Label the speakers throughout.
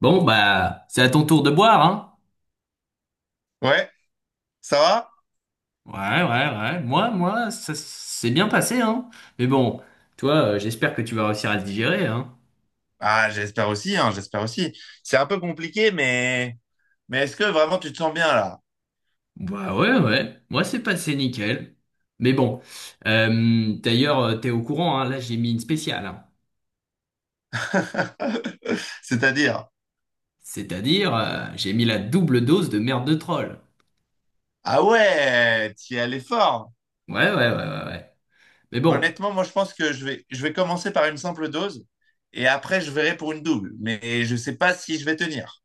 Speaker 1: Bon, bah, c'est à ton tour de boire, hein?
Speaker 2: Ouais, ça va?
Speaker 1: Ouais, ouais, ouais. Moi, ça s'est bien passé, hein? Mais bon, toi, j'espère que tu vas réussir à le digérer, hein?
Speaker 2: Ah, j'espère aussi, hein, j'espère aussi. C'est un peu compliqué, mais est-ce que vraiment tu te sens bien là?
Speaker 1: Bah ouais, ouais. Moi, c'est passé nickel. Mais bon, d'ailleurs, t'es au courant, hein? Là, j'ai mis une spéciale, hein.
Speaker 2: C'est-à-dire,
Speaker 1: C'est-à-dire, j'ai mis la double dose de merde de troll.
Speaker 2: ah ouais, tu es allé fort.
Speaker 1: Ouais, ouais, ouais, ouais, ouais. Mais bon,
Speaker 2: Honnêtement, moi je pense que je vais, commencer par une simple dose et après je verrai pour une double. Mais je sais pas si je vais tenir.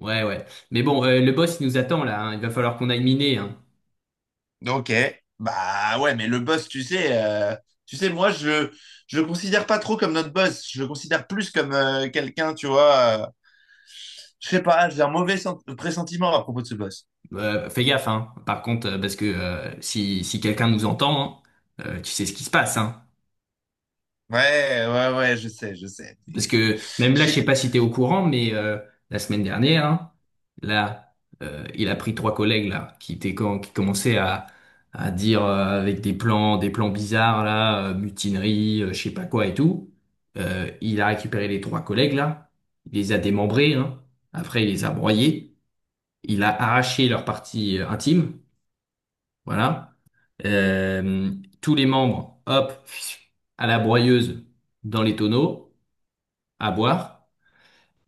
Speaker 1: ouais, ouais. Mais bon, le boss, il nous attend, là, hein. Il va falloir qu'on aille miner, hein.
Speaker 2: Ok, bah ouais, mais le boss, tu sais, je le considère pas trop comme notre boss. Je le considère plus comme quelqu'un, tu vois. Je sais pas, j'ai un pressentiment à propos de ce boss.
Speaker 1: Fais gaffe, hein. Par contre, parce que si quelqu'un nous entend, hein, tu sais ce qui se passe, hein.
Speaker 2: Ouais, ouais, ouais, je sais, je sais.
Speaker 1: Parce que même
Speaker 2: Je
Speaker 1: là, je sais
Speaker 2: sais-
Speaker 1: pas si t'es au courant, mais la semaine dernière, hein, là, il a pris trois collègues là qui étaient qui commençaient à dire avec des plans bizarres là, mutinerie, je sais pas quoi et tout. Il a récupéré les trois collègues là, il les a démembrés, hein. Après, il les a broyés, il a arraché leur partie intime, voilà. Euh, Tous les membres, hop, à la broyeuse, dans les tonneaux, à boire.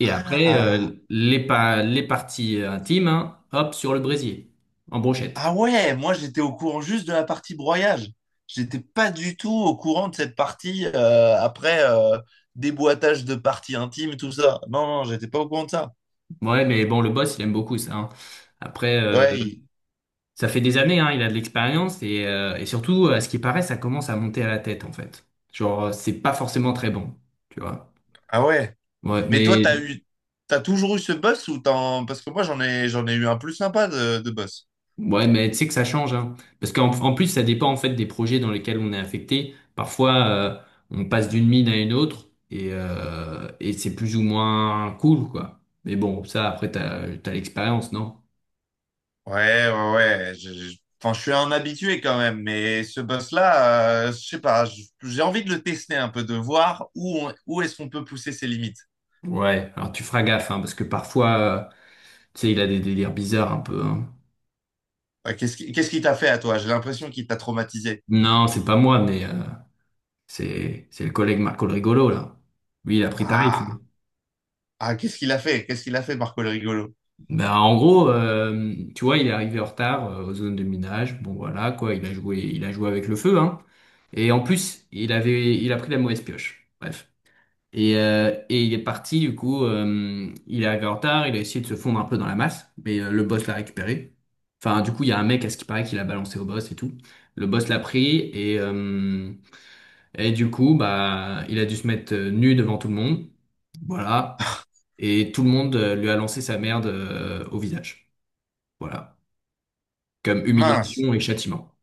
Speaker 1: Et après,
Speaker 2: Ah,
Speaker 1: les, les parties intimes, hein, hop, sur le brésier, en brochette.
Speaker 2: ah ouais, moi j'étais au courant juste de la partie broyage. J'étais pas du tout au courant de cette partie après déboîtage de parties intimes, tout ça. Non, non, j'étais pas au courant de ça.
Speaker 1: Ouais, mais bon, le boss, il aime beaucoup ça, hein. Après,
Speaker 2: Ouais, il-
Speaker 1: ça fait des années, hein, il a de l'expérience. Et surtout, à ce qui paraît, ça commence à monter à la tête, en fait. Genre, c'est pas forcément très bon, tu vois.
Speaker 2: ah ouais.
Speaker 1: Ouais,
Speaker 2: Mais toi,
Speaker 1: mais
Speaker 2: t'as toujours eu ce boss ou t'en... Parce que j'en ai eu un plus sympa de boss.
Speaker 1: ouais, mais tu sais que ça change, hein. Parce qu'en en plus, ça dépend en fait des projets dans lesquels on est affecté. Parfois, on passe d'une mine à une autre et c'est plus ou moins cool, quoi. Mais bon, ça, après, t'as, t'as l'expérience, non?
Speaker 2: Ouais, ouais, ouais. Enfin, je suis un habitué quand même, mais ce boss-là, je sais pas, je- j'ai envie de le tester un peu, de voir où est-ce qu'on peut pousser ses limites.
Speaker 1: Ouais, alors tu feras gaffe, hein, parce que parfois, tu sais, il a des délires bizarres un peu, hein.
Speaker 2: Qu'est-ce qu'il t'a fait à toi? J'ai l'impression qu'il t'a traumatisé.
Speaker 1: Non, c'est pas moi, mais c'est le collègue Marco le Rigolo, là. Lui, il a pris tarif.
Speaker 2: Ah, ah, qu'est-ce qu'il a fait? Qu'est-ce qu'il a fait, Marco le rigolo?
Speaker 1: Bah, en gros, tu vois, il est arrivé en retard aux zones de minage. Bon, voilà, quoi, il a joué avec le feu, hein. Et en plus, il avait, il a pris la mauvaise pioche. Bref. Et il est parti, du coup, il est arrivé en retard, il a essayé de se fondre un peu dans la masse, mais le boss l'a récupéré. Enfin, du coup, il y a un mec, à ce qui paraît, qui l'a balancé au boss et tout. Le boss l'a pris et, euh, et du coup, bah, il a dû se mettre nu devant tout le monde. Voilà. Et tout le monde lui a lancé sa merde au visage. Voilà comme
Speaker 2: Ah, mince.
Speaker 1: humiliation et châtiment.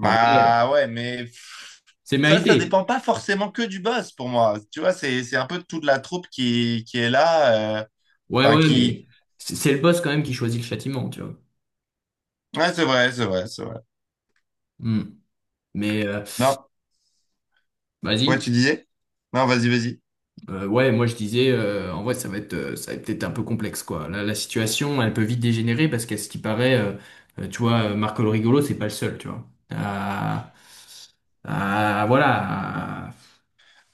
Speaker 1: En vrai,
Speaker 2: ouais, mais pff,
Speaker 1: c'est
Speaker 2: ça
Speaker 1: mérité.
Speaker 2: dépend pas forcément que du boss pour moi. Tu vois, c'est un peu toute la troupe qui est là,
Speaker 1: Ouais,
Speaker 2: enfin
Speaker 1: ouais,
Speaker 2: qui.
Speaker 1: mais c'est le boss quand même qui choisit le châtiment, tu vois.
Speaker 2: Ouais, c'est vrai, c'est vrai, c'est vrai.
Speaker 1: Hmm. Mais
Speaker 2: Non, ouais,
Speaker 1: vas-y.
Speaker 2: tu disais? Non, vas-y, vas-y.
Speaker 1: Ouais, moi je disais, en vrai, ça va être peut-être un peu complexe, quoi. La situation, elle peut vite dégénérer parce qu'à ce qui paraît, tu vois, Marco le rigolo, c'est pas le seul, tu vois. Ah, ah, voilà. Ah,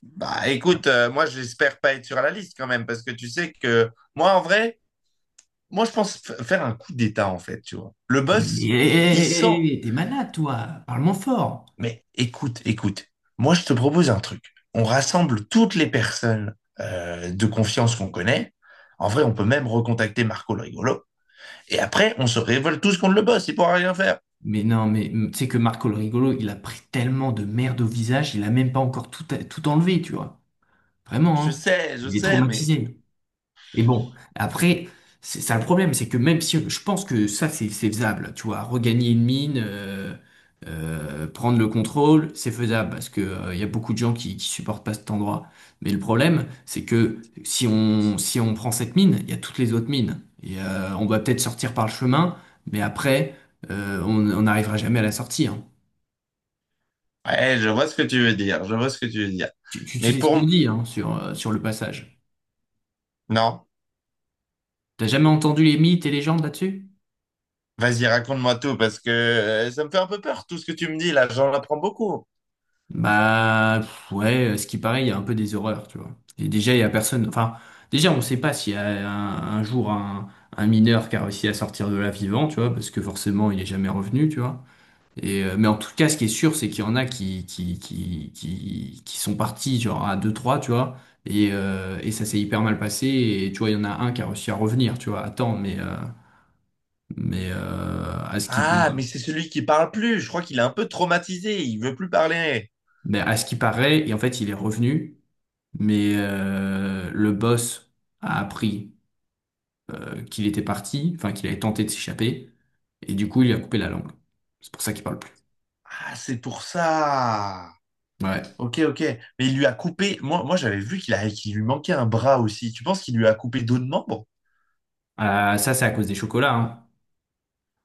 Speaker 2: Bah écoute, moi j'espère pas être sur la liste quand même, parce que tu sais que moi en vrai, moi je faire un coup d'État en fait, tu vois. Le
Speaker 1: mais
Speaker 2: boss, il
Speaker 1: hé,
Speaker 2: sent...
Speaker 1: hé, hé, hé, t'es malade, toi. Parle-moi fort.
Speaker 2: Mais écoute, écoute, moi je te propose un truc. On rassemble toutes les personnes de confiance qu'on connaît. En vrai, on peut même recontacter Marco le rigolo. Et après, on se révolte tous contre le boss, il pourra rien faire.
Speaker 1: Mais non, mais tu sais que Marco le rigolo, il a pris tellement de merde au visage, il a même pas encore tout, tout enlevé, tu vois. Vraiment, hein.
Speaker 2: Je
Speaker 1: Il est
Speaker 2: sais, mais...
Speaker 1: traumatisé. Et bon, après, c'est un problème, c'est que même si je pense que ça, c'est faisable, tu vois, regagner une mine, prendre le contrôle, c'est faisable parce que il y a beaucoup de gens qui supportent pas cet endroit. Mais le problème, c'est que si on prend cette mine, il y a toutes les autres mines et on va peut-être sortir par le chemin, mais après, on n'arrivera jamais à la sortie, hein.
Speaker 2: Ouais, je vois ce que tu veux dire, je vois ce que tu veux dire.
Speaker 1: Tu
Speaker 2: Mais
Speaker 1: sais ce qu'on
Speaker 2: pour...
Speaker 1: dit hein, sur sur le passage.
Speaker 2: Non.
Speaker 1: T'as jamais entendu les mythes et légendes là-dessus?
Speaker 2: Vas-y, raconte-moi tout, parce que ça me fait un peu peur, tout ce que tu me dis là, j'en apprends beaucoup.
Speaker 1: Bah pff, ouais, ce qui paraît, il y a un peu des horreurs, tu vois. Et déjà, il y a personne. Enfin, déjà, on ne sait pas s'il y a un jour un mineur qui a réussi à sortir de là vivant, tu vois, parce que forcément, il n'est jamais revenu, tu vois. Et mais en tout cas, ce qui est sûr, c'est qu'il y en a qui sont partis genre à deux trois tu vois. Et ça s'est hyper mal passé. Et tu vois, il y en a un qui a réussi à revenir, tu vois. Attends, mais à ce qui
Speaker 2: Ah, mais c'est celui qui parle plus, je crois qu'il est un peu traumatisé, il veut plus parler.
Speaker 1: mais à ce qui paraît, et en fait, il est revenu. Mais le boss a appris qu'il était parti, enfin qu'il avait tenté de s'échapper, et du coup il lui a coupé la langue. C'est pour ça qu'il parle plus.
Speaker 2: Ah, c'est pour ça.
Speaker 1: Ouais.
Speaker 2: Ok, ok. Mais il lui a coupé, moi, moi j'avais vu qu'il a... qu'il lui manquait un bras aussi. Tu penses qu'il lui a coupé d'autres membres?
Speaker 1: Ça c'est à cause des chocolats, hein.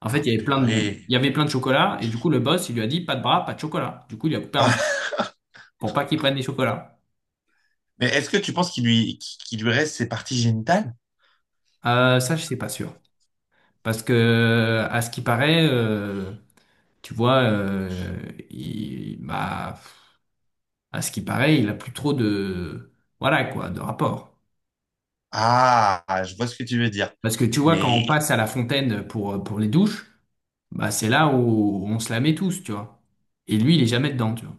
Speaker 1: En fait,
Speaker 2: Ah,
Speaker 1: il
Speaker 2: purée.
Speaker 1: y avait plein de chocolats, et du coup le boss il lui a dit pas de bras, pas de chocolat. Du coup il lui a coupé un bras
Speaker 2: Ah,
Speaker 1: pour pas qu'il prenne les chocolats.
Speaker 2: mais est-ce que tu penses qu'il lui reste ses parties génitales?
Speaker 1: Ça je sais pas sûr, parce que à ce qui paraît, tu vois, il, bah, à ce qui paraît, il a plus trop de, voilà quoi, de rapport.
Speaker 2: Ah, je vois ce que tu veux dire.
Speaker 1: Parce que tu vois, quand on
Speaker 2: Mais
Speaker 1: passe à la fontaine pour les douches, bah c'est là où on se la met tous, tu vois. Et lui, il est jamais dedans, tu vois.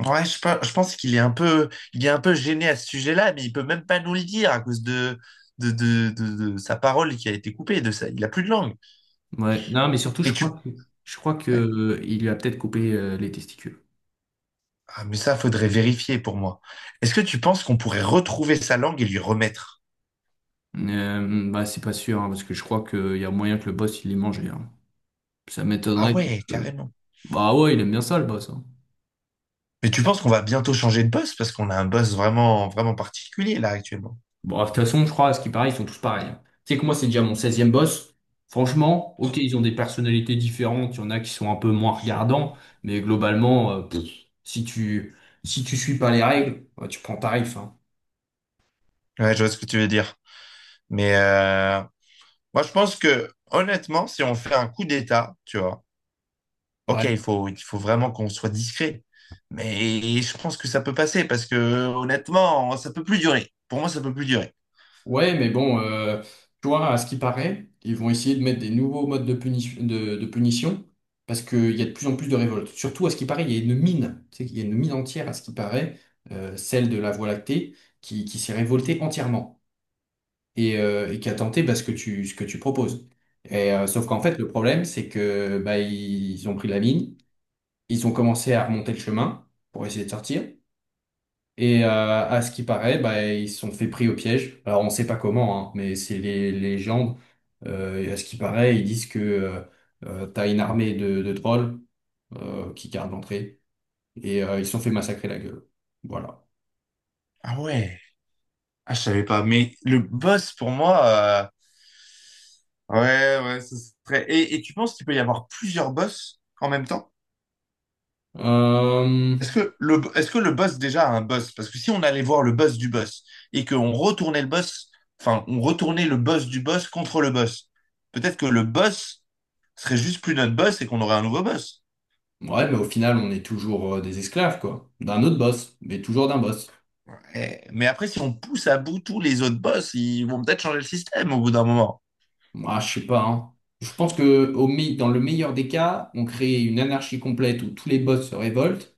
Speaker 2: ouais, je pense qu'il est un peu, il est un peu gêné à ce sujet-là, mais il peut même pas nous le dire à cause de sa parole qui a été coupée, de ça. Il a plus de langue.
Speaker 1: Ouais. Non, mais surtout, je
Speaker 2: Mais tu,
Speaker 1: crois que je crois que
Speaker 2: ouais.
Speaker 1: il lui a peut-être coupé les testicules.
Speaker 2: Ah, mais ça, faudrait vérifier pour moi. Est-ce que tu penses qu'on pourrait retrouver sa langue et lui remettre?
Speaker 1: Bah c'est pas sûr, hein, parce que je crois qu'il y a moyen que le boss il les mangeait, hein. Ça m'étonnerait
Speaker 2: Ah
Speaker 1: qu'il.
Speaker 2: ouais, carrément.
Speaker 1: Bah ouais, il aime bien ça le boss, hein.
Speaker 2: Mais tu penses qu'on va bientôt changer de boss parce qu'on a un boss vraiment, vraiment particulier là actuellement.
Speaker 1: Bon, de toute façon, je crois, à ce qui paraît, ils sont tous pareils, hein. Tu sais que moi, c'est déjà mon seizième boss. Franchement, ok, ils ont des personnalités différentes. Il y en a qui sont un peu moins regardants. Mais globalement, pff, si tu, si tu suis pas les règles, bah, tu prends tarif. Hein.
Speaker 2: Ouais, je vois ce que tu veux dire. Mais moi, je pense que honnêtement, si on fait un coup d'État, tu vois. Ok,
Speaker 1: Ouais.
Speaker 2: il faut vraiment qu'on soit discret. Mais je pense que ça peut passer parce que honnêtement, ça peut plus durer. Pour moi, ça peut plus durer.
Speaker 1: Ouais, mais bon, tu vois, à ce qui paraît, ils vont essayer de mettre des nouveaux modes de punition parce qu'il y a de plus en plus de révoltes. Surtout, à ce qui paraît, il y a une mine. Tu sais il y a une mine entière, à ce qui paraît, celle de la Voie lactée, qui s'est révoltée entièrement. Et, et qui a tenté bah, ce que tu proposes. Et, sauf qu'en
Speaker 2: Ouais.
Speaker 1: fait, le problème, c'est que bah, ils ont pris la ligne, ils ont commencé à remonter le chemin pour essayer de sortir. Et à ce qui paraît, bah, ils se sont fait pris au piège. Alors, on sait pas comment, hein, mais c'est les légendes. Et à ce qui paraît, ils disent que t'as une armée de trolls qui gardent l'entrée. Et ils se sont fait massacrer la gueule. Voilà.
Speaker 2: Ah ouais. Ah, je savais pas. Mais le boss, pour moi, ouais, ouais, ça serait. Et tu penses qu'il peut y avoir plusieurs boss en même temps?
Speaker 1: Euh,
Speaker 2: Est-ce que le boss déjà a un boss? Parce que si on allait voir le boss du boss et qu'on retournait le boss, enfin, on retournait le boss du boss contre le boss, peut-être que le boss serait juste plus notre boss et qu'on aurait un nouveau boss.
Speaker 1: ouais, mais au final, on est toujours des esclaves, quoi. D'un autre boss, mais toujours d'un boss.
Speaker 2: Eh, mais après, si on pousse à bout tous les autres boss, ils vont peut-être changer le système au bout d'un moment.
Speaker 1: Moi, je sais pas, hein. Je pense que dans le meilleur des cas, on crée une anarchie complète où tous les boss se révoltent,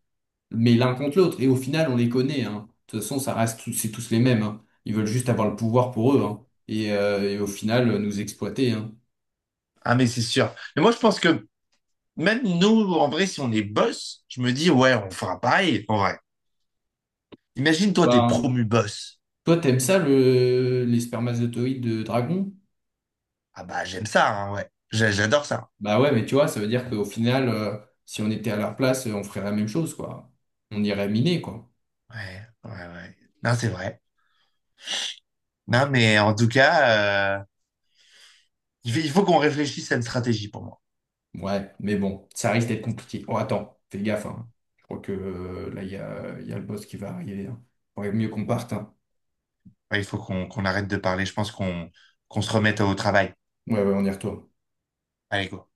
Speaker 1: mais l'un contre l'autre. Et au final, on les connaît, hein. De toute façon, ça reste c'est tous les mêmes, hein. Ils veulent juste avoir le pouvoir pour eux, hein. Et au final, nous exploiter, hein.
Speaker 2: Ah, mais c'est sûr. Mais moi, je pense que même nous, en vrai, si on est boss, je me dis, ouais, on fera pareil, en vrai. Imagine, toi, t'es
Speaker 1: Ben,
Speaker 2: promu boss.
Speaker 1: toi, t'aimes ça, le, les spermatozoïdes de dragon?
Speaker 2: Ah bah, j'aime ça, hein, ouais. J'adore ça.
Speaker 1: Bah ouais, mais tu vois, ça veut dire qu'au final, si on était à leur place, on ferait la même chose, quoi. On irait miner, quoi.
Speaker 2: Ouais, ouais, ouais. Non, c'est vrai. Non, mais en tout cas, il faut qu'on réfléchisse à une stratégie pour moi.
Speaker 1: Ouais, mais bon, ça risque d'être compliqué. Oh, attends, fais gaffe, hein. Je crois que là, il y a le boss qui va arriver, hein. Faudrait mieux qu'on parte, hein.
Speaker 2: Ouais, il faut qu'on arrête de parler. Je pense qu'on se remette au travail.
Speaker 1: Ouais, ouais, on y retourne.
Speaker 2: Allez, go.